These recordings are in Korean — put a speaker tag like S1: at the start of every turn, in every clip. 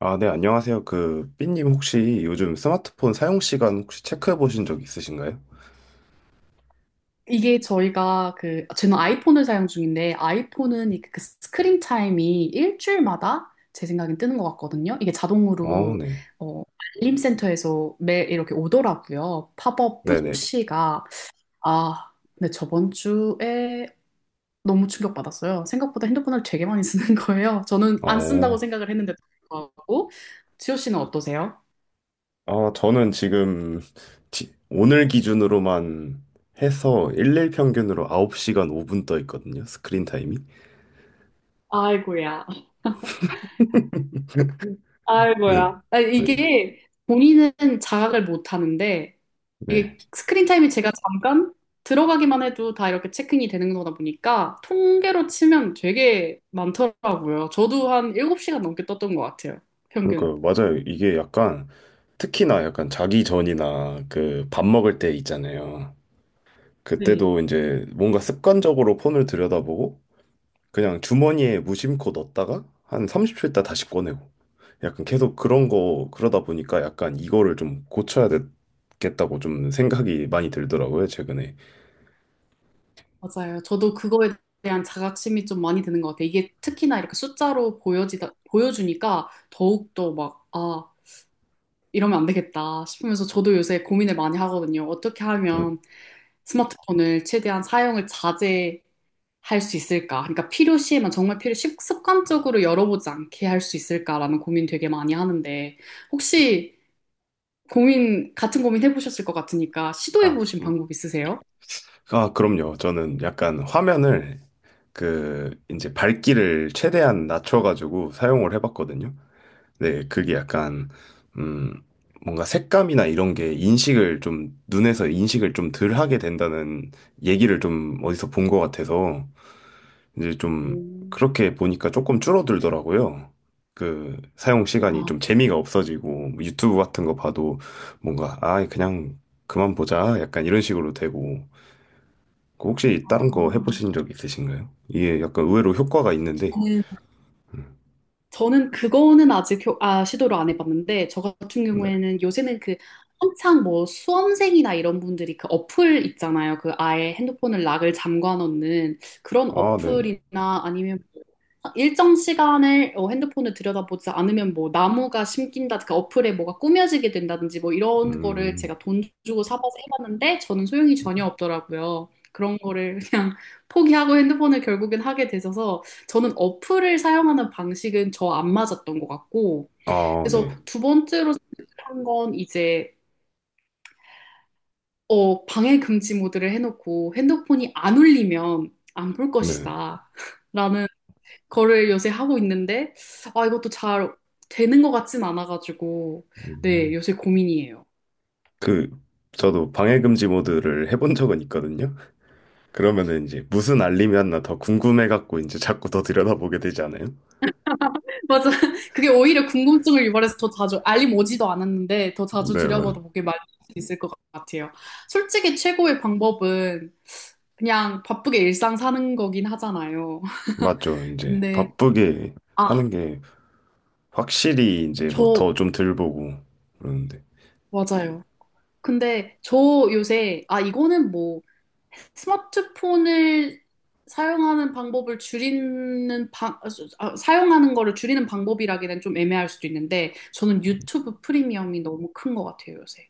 S1: 아, 네, 안녕하세요. 그, 삐님 혹시 요즘 스마트폰 사용 시간 혹시 체크해 보신 적 있으신가요?
S2: 이게 저희가 그 저는 아이폰을 사용 중인데 아이폰은 이그 스크린 타임이 일주일마다 제 생각엔 뜨는 것 같거든요. 이게
S1: 어,
S2: 자동으로
S1: 네.
S2: 어, 알림 센터에서 매일 이렇게 오더라고요. 팝업
S1: 네네.
S2: 푸시가. 아, 근데 저번 주에 너무 충격받았어요. 생각보다 핸드폰을 되게 많이 쓰는 거예요. 저는 안
S1: 어,
S2: 쓴다고 생각을 했는데도 불구하고. 지호 씨는 어떠세요?
S1: 아, 저는 지금 오늘 기준으로만 해서 일일 평균으로 9시간 5분 떠 있거든요. 스크린 타임이.
S2: 아이고야.
S1: 네.
S2: 아이고야. 아,
S1: 네.
S2: 이게 본인은 자각을 못 하는데,
S1: 네.
S2: 이게 스크린 타임이 제가 잠깐 들어가기만 해도 다 이렇게 체크인이 되는 거다 보니까 통계로 치면 되게 많더라고요. 저도 한 7시간 넘게 떴던 것 같아요. 평균.
S1: 그러니까 맞아요. 이게 약간 특히나 약간 자기 전이나 그 밥 먹을 때 있잖아요.
S2: 네.
S1: 그때도 이제 뭔가 습관적으로 폰을 들여다보고 그냥 주머니에 무심코 넣었다가 한 30초 있다 다시 꺼내고 약간 계속 그런 거 그러다 보니까 약간 이거를 좀 고쳐야 되겠다고 좀 생각이 많이 들더라고요, 최근에.
S2: 맞아요. 저도 그거에 대한 자각심이 좀 많이 드는 것 같아요. 이게 특히나 이렇게 숫자로 보여주니까 더욱더 막, 아, 이러면 안 되겠다 싶으면서 저도 요새 고민을 많이 하거든요. 어떻게
S1: 음.
S2: 하면 스마트폰을 최대한 사용을 자제할 수 있을까? 그러니까 필요시에만 정말 습관적으로 열어보지 않게 할 수 있을까라는 고민 되게 많이 하는데, 혹시 같은 고민 해보셨을 것 같으니까
S1: 아,
S2: 시도해보신 방법 있으세요?
S1: 아, 그럼요. 저는 약간 화면을 그 이제 밝기를 최대한 낮춰가지고 사용을 해봤거든요. 네, 그게 약간 음 뭔가 색감이나 이런 게 인식을 좀 눈에서 인식을 좀 덜 하게 된다는 얘기를 좀 어디서 본 것 같아서 이제 좀
S2: 음.
S1: 그렇게 보니까 조금 줄어들더라고요. 그 사용 시간이
S2: 아,
S1: 좀 재미가 없어지고 뭐 유튜브 같은 거 봐도 뭔가 아 그냥 그만 보자 약간 이런 식으로 되고 그 혹시 다른 거
S2: 아,
S1: 해보신 적 있으신가요? 이게 약간 의외로 효과가 있는데
S2: 저는 그거는 아직 아, 시도를 안 해봤는데, 저 같은
S1: 네.
S2: 경우에는 요새는 그 한창 뭐 수험생이나 이런 분들이 그 어플 있잖아요. 그 아예 핸드폰을 락을 잠궈 놓는 그런
S1: 아 네.
S2: 어플이나 아니면 뭐 일정 시간을 어, 핸드폰을 들여다보지 않으면 뭐 나무가 심긴다, 그 어플에 뭐가 꾸며지게 된다든지 뭐 이런 거를
S1: 음.
S2: 제가 돈 주고 사봐서 해봤는데 저는 소용이 전혀 없더라고요. 그런 거를 그냥 포기하고 핸드폰을 결국엔 하게 되셔서, 저는 어플을 사용하는 방식은 저 안 맞았던 것 같고,
S1: 아
S2: 그래서
S1: 네.
S2: 두 번째로 한 건 이제, 어, 방해 금지 모드를 해놓고 핸드폰이 안 울리면 안 볼
S1: 네.
S2: 것이다. 라는 거를 요새 하고 있는데, 아, 이것도 잘 되는 것 같진 않아가지고, 네,
S1: 음.
S2: 요새 고민이에요.
S1: 그 저도 방해금지 모드를 해본 적은 있거든요. 그러면은 이제 무슨 알림이 왔나 더 궁금해갖고 이제 자꾸 더 들여다보게 되지 않아요?
S2: 맞아. 그게 오히려 궁금증을 유발해서 더 자주, 알림 오지도 않았는데 더 자주
S1: 네, 맞아요.
S2: 들여다보게 만들 수 있을 것 같아요. 솔직히 최고의 방법은 그냥 바쁘게 일상 사는 거긴 하잖아요.
S1: 맞죠. 이제
S2: 근데,
S1: 바쁘게
S2: 아,
S1: 하는 게 확실히 이제 뭐
S2: 저,
S1: 더 좀 덜 보고 그러는데.
S2: 맞아요. 근데 저 요새, 아, 이거는 뭐 스마트폰을 사용하는 방법을 줄이는 사용하는 거를 줄이는 방법이라기엔 좀 애매할 수도 있는데 저는 유튜브 프리미엄이 너무 큰 것 같아요, 요새.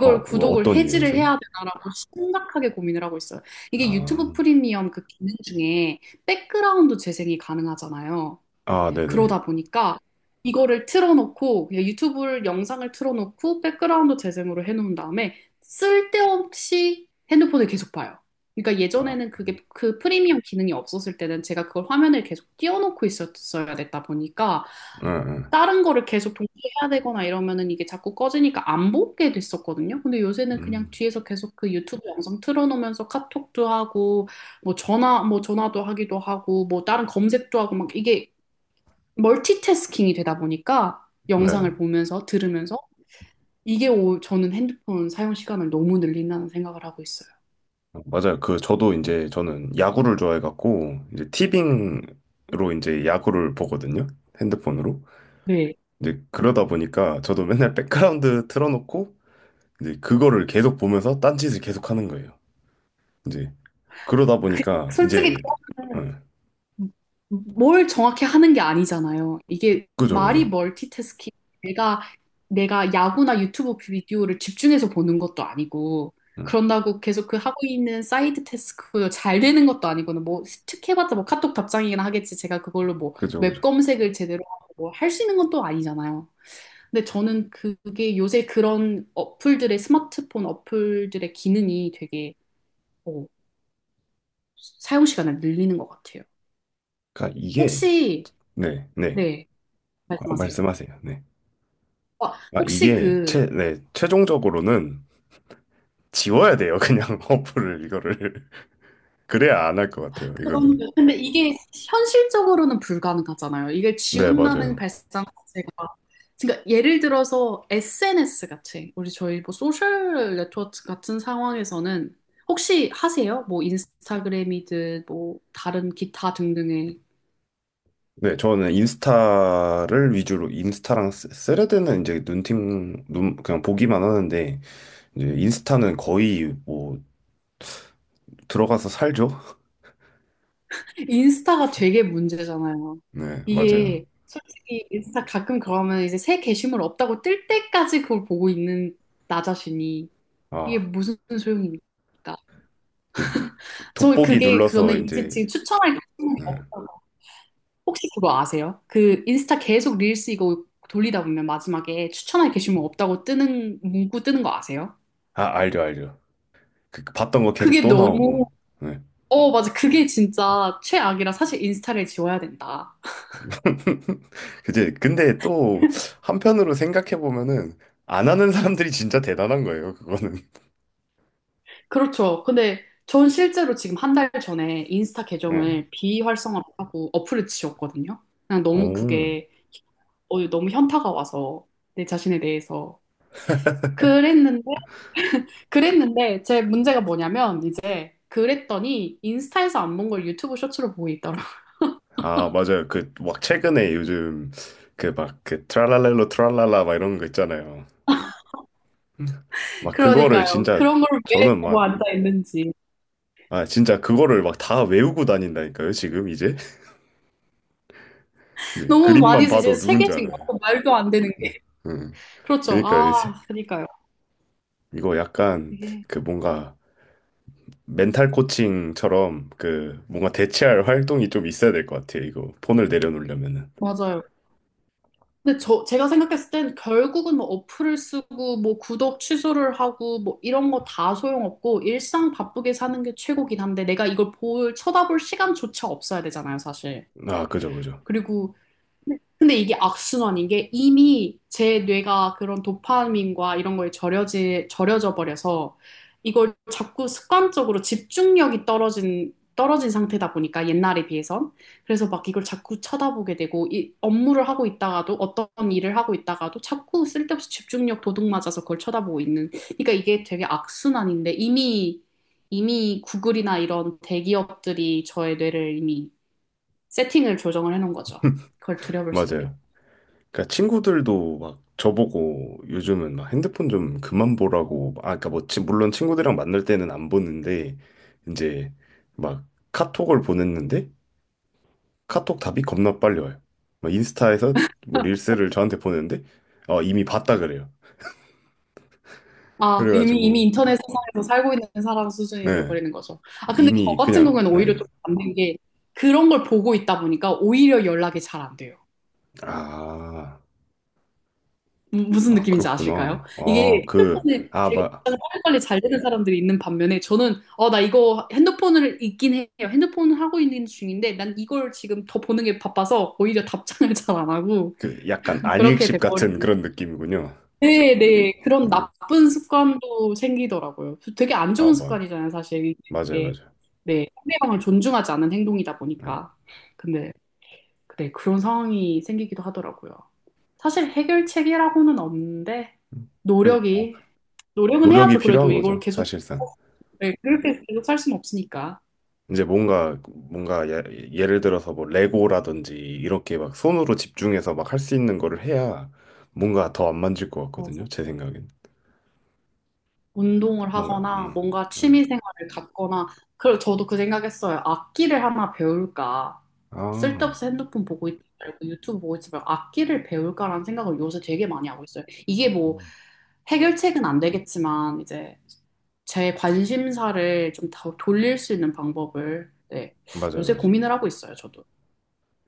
S1: 어, 뭐
S2: 구독을
S1: 어떤
S2: 해지를
S1: 이유에서요?
S2: 해야 되나라고 심각하게 고민을 하고 있어요. 이게 유튜브
S1: 아,
S2: 프리미엄 그 기능 중에 백그라운드 재생이 가능하잖아요.
S1: 아, 네네.
S2: 그러다 보니까 이거를 틀어놓고 그냥 유튜브 영상을 틀어놓고 백그라운드 재생으로 해놓은 다음에 쓸데없이 핸드폰을 계속 봐요. 그러니까
S1: 아,
S2: 예전에는 그게 그 프리미엄 기능이 없었을 때는 제가 그걸 화면을 계속 띄워놓고 있었어야 됐다 보니까
S1: 응, 응.
S2: 다른 거를 계속 동시에 해야 되거나 이러면은 이게 자꾸 꺼지니까 안 보게 됐었거든요. 근데 요새는 그냥
S1: 음,
S2: 뒤에서 계속 그 유튜브 영상 틀어놓으면서 카톡도 하고 뭐 전화도 하기도 하고 뭐 다른 검색도 하고 막 이게 멀티태스킹이 되다 보니까
S1: 네.
S2: 영상을 보면서 들으면서 이게 오, 저는 핸드폰 사용 시간을 너무 늘린다는 생각을 하고 있어요.
S1: 어, 맞아요. 그, 저도 이제 저는 야구를 좋아해갖고, 이제 티빙으로 이제 야구를 보거든요. 핸드폰으로.
S2: 네.
S1: 이제 그러다 보니까 저도 맨날 백그라운드 틀어놓고, 이제 그거를 계속 보면서 딴짓을 계속 하는 거예요. 이제 그러다
S2: 그,
S1: 보니까
S2: 솔직히
S1: 이제, 응,
S2: 뭘 정확히 하는 게 아니잖아요. 이게
S1: 그죠,
S2: 말이
S1: 그죠.
S2: 멀티태스킹. 내가 내가 야구나 유튜브 비디오를 집중해서 보는 것도 아니고
S1: 응.
S2: 그런다고 계속 그 하고 있는 사이드 태스크 잘 되는 것도 아니고는 뭐 스틱해봤자 뭐 카톡 답장이긴 하겠지. 제가 그걸로 뭐
S1: 그죠,
S2: 웹
S1: 그죠.
S2: 검색을 제대로 하고 뭐, 할수 있는 것도 아니잖아요. 근데 저는 그게 요새 그런 어플들의 스마트폰 어플들의 기능이 되게 어, 사용 시간을 늘리는 것 같아요.
S1: 그러니까 이게
S2: 혹시.
S1: 네, 네.
S2: 네,
S1: 어,
S2: 말씀하세요.
S1: 말씀하세요. 네.
S2: 와,
S1: 아,
S2: 혹시
S1: 이게 네, 최종적으로는 지워야 돼요. 그냥 어플을 이거를 그래야 안 할 것 같아요.
S2: 그런.
S1: 이거는.
S2: 근데 이게 현실적으로는 불가능하잖아요. 이걸
S1: 네,
S2: 지운다는
S1: 맞아요.
S2: 발상 자체가. 그러니까 예를 들어서 SNS 같이, 우리 저희 뭐 소셜 네트워크 같은 상황에서는 혹시 하세요? 뭐 인스타그램이든 뭐 다른 기타 등등의.
S1: 네, 저는 인스타를 위주로 인스타랑 레드는 이제 눈팅 눈 그냥 보기만 하는데 이제 인스타는 거의 뭐 들어가서 살죠.
S2: 인스타가 되게 문제잖아요.
S1: 네, 맞아요.
S2: 이게 솔직히 인스타 가끔 그러면 이제 새 게시물 없다고 뜰 때까지 그걸 보고 있는 나 자신이 이게
S1: 아,
S2: 무슨 소용입니까?
S1: 그
S2: 저
S1: 돋보기
S2: 그게
S1: 눌러서
S2: 저는 이제
S1: 이제
S2: 지금 추천할 게
S1: 음.
S2: 없어요. 혹시 그거 아세요? 그 인스타 계속 릴스 이거 돌리다 보면 마지막에 추천할 게시물 없다고 뜨는 문구 뜨는 거 아세요?
S1: 아, 알죠, 알죠. 그 봤던 거 계속
S2: 그게
S1: 또
S2: 너무.
S1: 나오고. 네.
S2: 어 맞아. 그게 진짜 최악이라 사실 인스타를 지워야 된다.
S1: 그지? 근데 또 한편으로 생각해 보면은 안 하는 사람들이 진짜 대단한 거예요, 그거는.
S2: 그렇죠. 근데 전 실제로 지금 한 달 전에 인스타
S1: 예.
S2: 계정을 비활성화하고 어플을 지웠거든요. 그냥 너무
S1: 오.
S2: 그게 어, 너무 현타가 와서 내 자신에 대해서 그랬는데 그랬는데 제 문제가 뭐냐면 이제 그랬더니 인스타에서 안 본 걸 유튜브 쇼츠로 보고 있더라.
S1: 아, 맞아요. 그 막 최근에 요즘 그 막 그 트랄랄렐로 트랄랄라 막 이런 거 있잖아요. 막 그거를
S2: 그러니까요.
S1: 진짜
S2: 그런 걸 왜
S1: 저는
S2: 보고
S1: 막
S2: 앉아 있는지.
S1: 아, 진짜 그거를 막 다 외우고 다닌다니까요, 지금 이제. 네,
S2: 너무 많이
S1: 그림만
S2: 이제
S1: 봐도 누군지
S2: 세계신 거
S1: 알아요.
S2: 고 말도 안 되는 게.
S1: 음.
S2: 그렇죠.
S1: 그러니까
S2: 아,
S1: 이제
S2: 그러니까요.
S1: 이거 약간
S2: 이게
S1: 그 뭔가 멘탈 코칭처럼 그 뭔가 대체할 활동이 좀 있어야 될 것 같아요. 이거 폰을 내려놓으려면은.
S2: 맞아요. 근데 저 제가 생각했을 땐 결국은 뭐 어플을 쓰고 뭐 구독 취소를 하고 뭐 이런 거 다 소용없고 일상 바쁘게 사는 게 최고긴 한데 내가 이걸 볼 쳐다볼 시간조차 없어야 되잖아요, 사실.
S1: 아, 그죠, 그죠.
S2: 그리고 네. 근데 이게 악순환인 게 이미 제 뇌가 그런 도파민과 이런 거에 절여져 버려서 이걸 자꾸 습관적으로 집중력이 떨어진 상태다 보니까 옛날에 비해선. 그래서 막 이걸 자꾸 쳐다보게 되고 이 업무를 하고 있다가도 어떤 일을 하고 있다가도 자꾸 쓸데없이 집중력 도둑 맞아서 그걸 쳐다보고 있는. 그러니까 이게 되게 악순환인데 이미 구글이나 이런 대기업들이 저의 뇌를 이미 세팅을 조정을 해놓은 거죠. 그걸 들여볼 수밖에.
S1: 맞아요. 그러니까 친구들도 막 저보고 요즘은 막 핸드폰 좀 그만 보라고 아, 그러니까 뭐 물론 친구들이랑 만날 때는 안 보는데 이제 막 카톡을 보냈는데 카톡 답이 겁나 빨리 와요. 막 인스타에서 뭐 릴스를 저한테 보냈는데 어, 이미 봤다 그래요.
S2: 아, 이미
S1: 그래가지고
S2: 인터넷
S1: 그러니까
S2: 세상에서 살고 있는 사람 수준이
S1: 예.
S2: 돼버리는 거죠. 아, 근데 저
S1: 이미
S2: 같은
S1: 그냥
S2: 경우에는 오히려
S1: 예.
S2: 좀 반대게 그런 걸 보고 있다 보니까 오히려 연락이 잘 안 돼요.
S1: 아.
S2: 무슨
S1: 아,
S2: 느낌인지 아실까요?
S1: 그렇구나. 아,
S2: 이게
S1: 그,
S2: 핸드폰에
S1: 아,
S2: 되게
S1: 막,
S2: 빨리빨리 잘 되는 사람들이 있는 반면에 저는 어, 나 이거 핸드폰을 있긴 해요. 핸드폰을 하고 있는 중인데 난 이걸 지금 더 보는 게 바빠서 오히려 답장을 잘 안 하고.
S1: 그, 약간
S2: 그렇게
S1: 안익십 같은
S2: 돼버리는.
S1: 그런 느낌이군요.
S2: 네, 네. 그런
S1: 응.
S2: 나쁜 습관도 생기더라고요. 되게 안
S1: 아,
S2: 좋은
S1: 뭐,
S2: 습관이잖아요, 사실. 이게
S1: 맞아요,
S2: 되게,
S1: 맞아요.
S2: 네, 상대방을 존중하지 않은 행동이다
S1: 응.
S2: 보니까. 근데, 네, 그런 상황이 생기기도 하더라고요. 사실 해결책이라고는 없는데,
S1: 그래서 뭐,
S2: 노력이, 노력은
S1: 노력이
S2: 해야죠. 그래도
S1: 필요한
S2: 이걸
S1: 거죠,
S2: 계속,
S1: 사실상.
S2: 네, 그렇게 계속 살 수는 없으니까.
S1: 이제 뭔가, 예, 예를 들어서 뭐, 레고라든지, 이렇게 막 손으로 집중해서 막 할 수 있는 거를 해야 뭔가 더 안 만질 것
S2: 어,
S1: 같거든요, 제 생각엔.
S2: 운동을
S1: 뭔가,
S2: 하거나
S1: 응,
S2: 뭔가
S1: 응.
S2: 취미 생활을 갖거나. 그리고 저도 그 생각했어요. 악기를 하나 배울까?
S1: 아,
S2: 쓸데없이 핸드폰 보고 있지 말고 유튜브 보고 있지 말고 악기를 배울까라는 생각을 요새 되게 많이 하고 있어요. 이게 뭐
S1: 음.
S2: 해결책은 안 되겠지만 이제 제 관심사를 좀 더 돌릴 수 있는 방법을. 네,
S1: 맞아요,
S2: 요새
S1: 맞아요.
S2: 고민을 하고 있어요, 저도.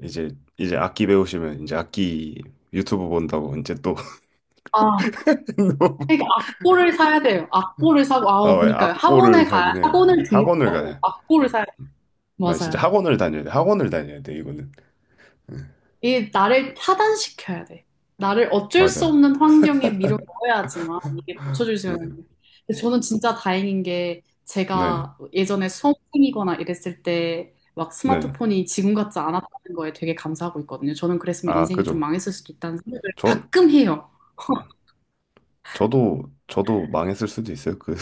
S1: 이제, 이제, 악기 배우시면, 이제 악기 유튜브 본다고, 이제 또,
S2: 아, 그러니까 악보를 사야 돼요. 악보를 사고,
S1: 아,
S2: 아,
S1: 왜
S2: 그니까요.
S1: 악보를 사기는 예,
S2: 학원을
S1: 학원을
S2: 등록하고
S1: 가야.
S2: 악보를 사야 돼요.
S1: 맞아, 진짜
S2: 맞아요.
S1: 학원을 다녀야 돼. 학원을 다녀야 돼, 이거는.
S2: 이 나를 타단시켜야 돼. 나를 어쩔 수
S1: 맞아요.
S2: 없는 환경에 밀어 넣어야지만 이게 고쳐질 수 있는
S1: 예,
S2: 거예요. 근데 저는 진짜 다행인 게
S1: 네,
S2: 제가 예전에 수험생이거나 이랬을 때 막
S1: 네.
S2: 스마트폰이 지금 같지 않았다는 거에 되게 감사하고 있거든요. 저는 그랬으면
S1: 아,
S2: 인생이 좀
S1: 그죠.
S2: 망했을 수도 있다는 생각을
S1: 저,
S2: 가끔 해요.
S1: 저도 망했을 수도 있어요. 그,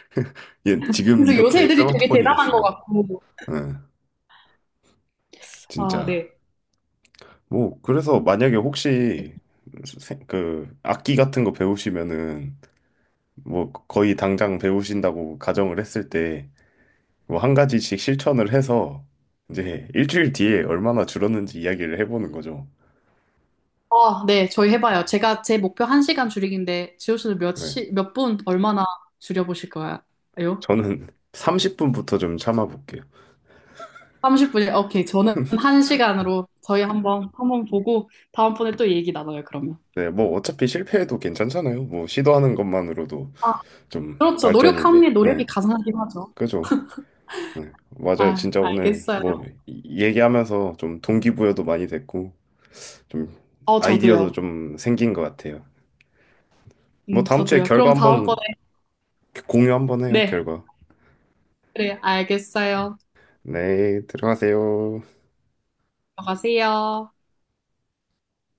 S1: 예, 지금
S2: 그래서 요새
S1: 이렇게
S2: 애들이 되게
S1: 스마트폰이
S2: 대단한 것
S1: 이랬으면.
S2: 같고.
S1: 예,
S2: 아,
S1: 진짜.
S2: 네.
S1: 뭐, 그래서 만약에 혹시, 그, 악기 같은 거 배우시면은, 뭐, 거의 당장 배우신다고 가정을 했을 때, 뭐 한 가지씩 실천을 해서 이제 일주일 뒤에 얼마나 줄었는지 이야기를 해보는 거죠.
S2: 아, 네. 저희 해봐요. 제가 제 목표 1시간 줄이기인데 지호 씨는 몇
S1: 네.
S2: 시, 몇 분, 얼마나 줄여보실 거예요?
S1: 저는 30분부터 좀 참아볼게요.
S2: 30분이, 오케이. 저는 한 시간으로 저희 한번, 한번 보고, 다음번에 또 얘기 나눠요, 그러면.
S1: 네, 뭐 어차피 실패해도 괜찮잖아요. 뭐 시도하는 것만으로도
S2: 아,
S1: 좀
S2: 그렇죠. 노력함에
S1: 발전인데. 네,
S2: 노력이 가상하긴 하죠.
S1: 그죠. 네, 맞아요.
S2: 아,
S1: 진짜 오늘
S2: 알겠어요.
S1: 뭐 얘기하면서 좀 동기부여도 많이 됐고 좀
S2: 어,
S1: 아이디어도
S2: 저도요.
S1: 좀 생긴 것 같아요. 뭐 다음 주에
S2: 저도요.
S1: 결과
S2: 그럼
S1: 한번
S2: 다음번에,
S1: 공유 한번 해요,
S2: 네.
S1: 결과.
S2: 그래, 알겠어요.
S1: 네, 들어가세요.
S2: 들어가세요.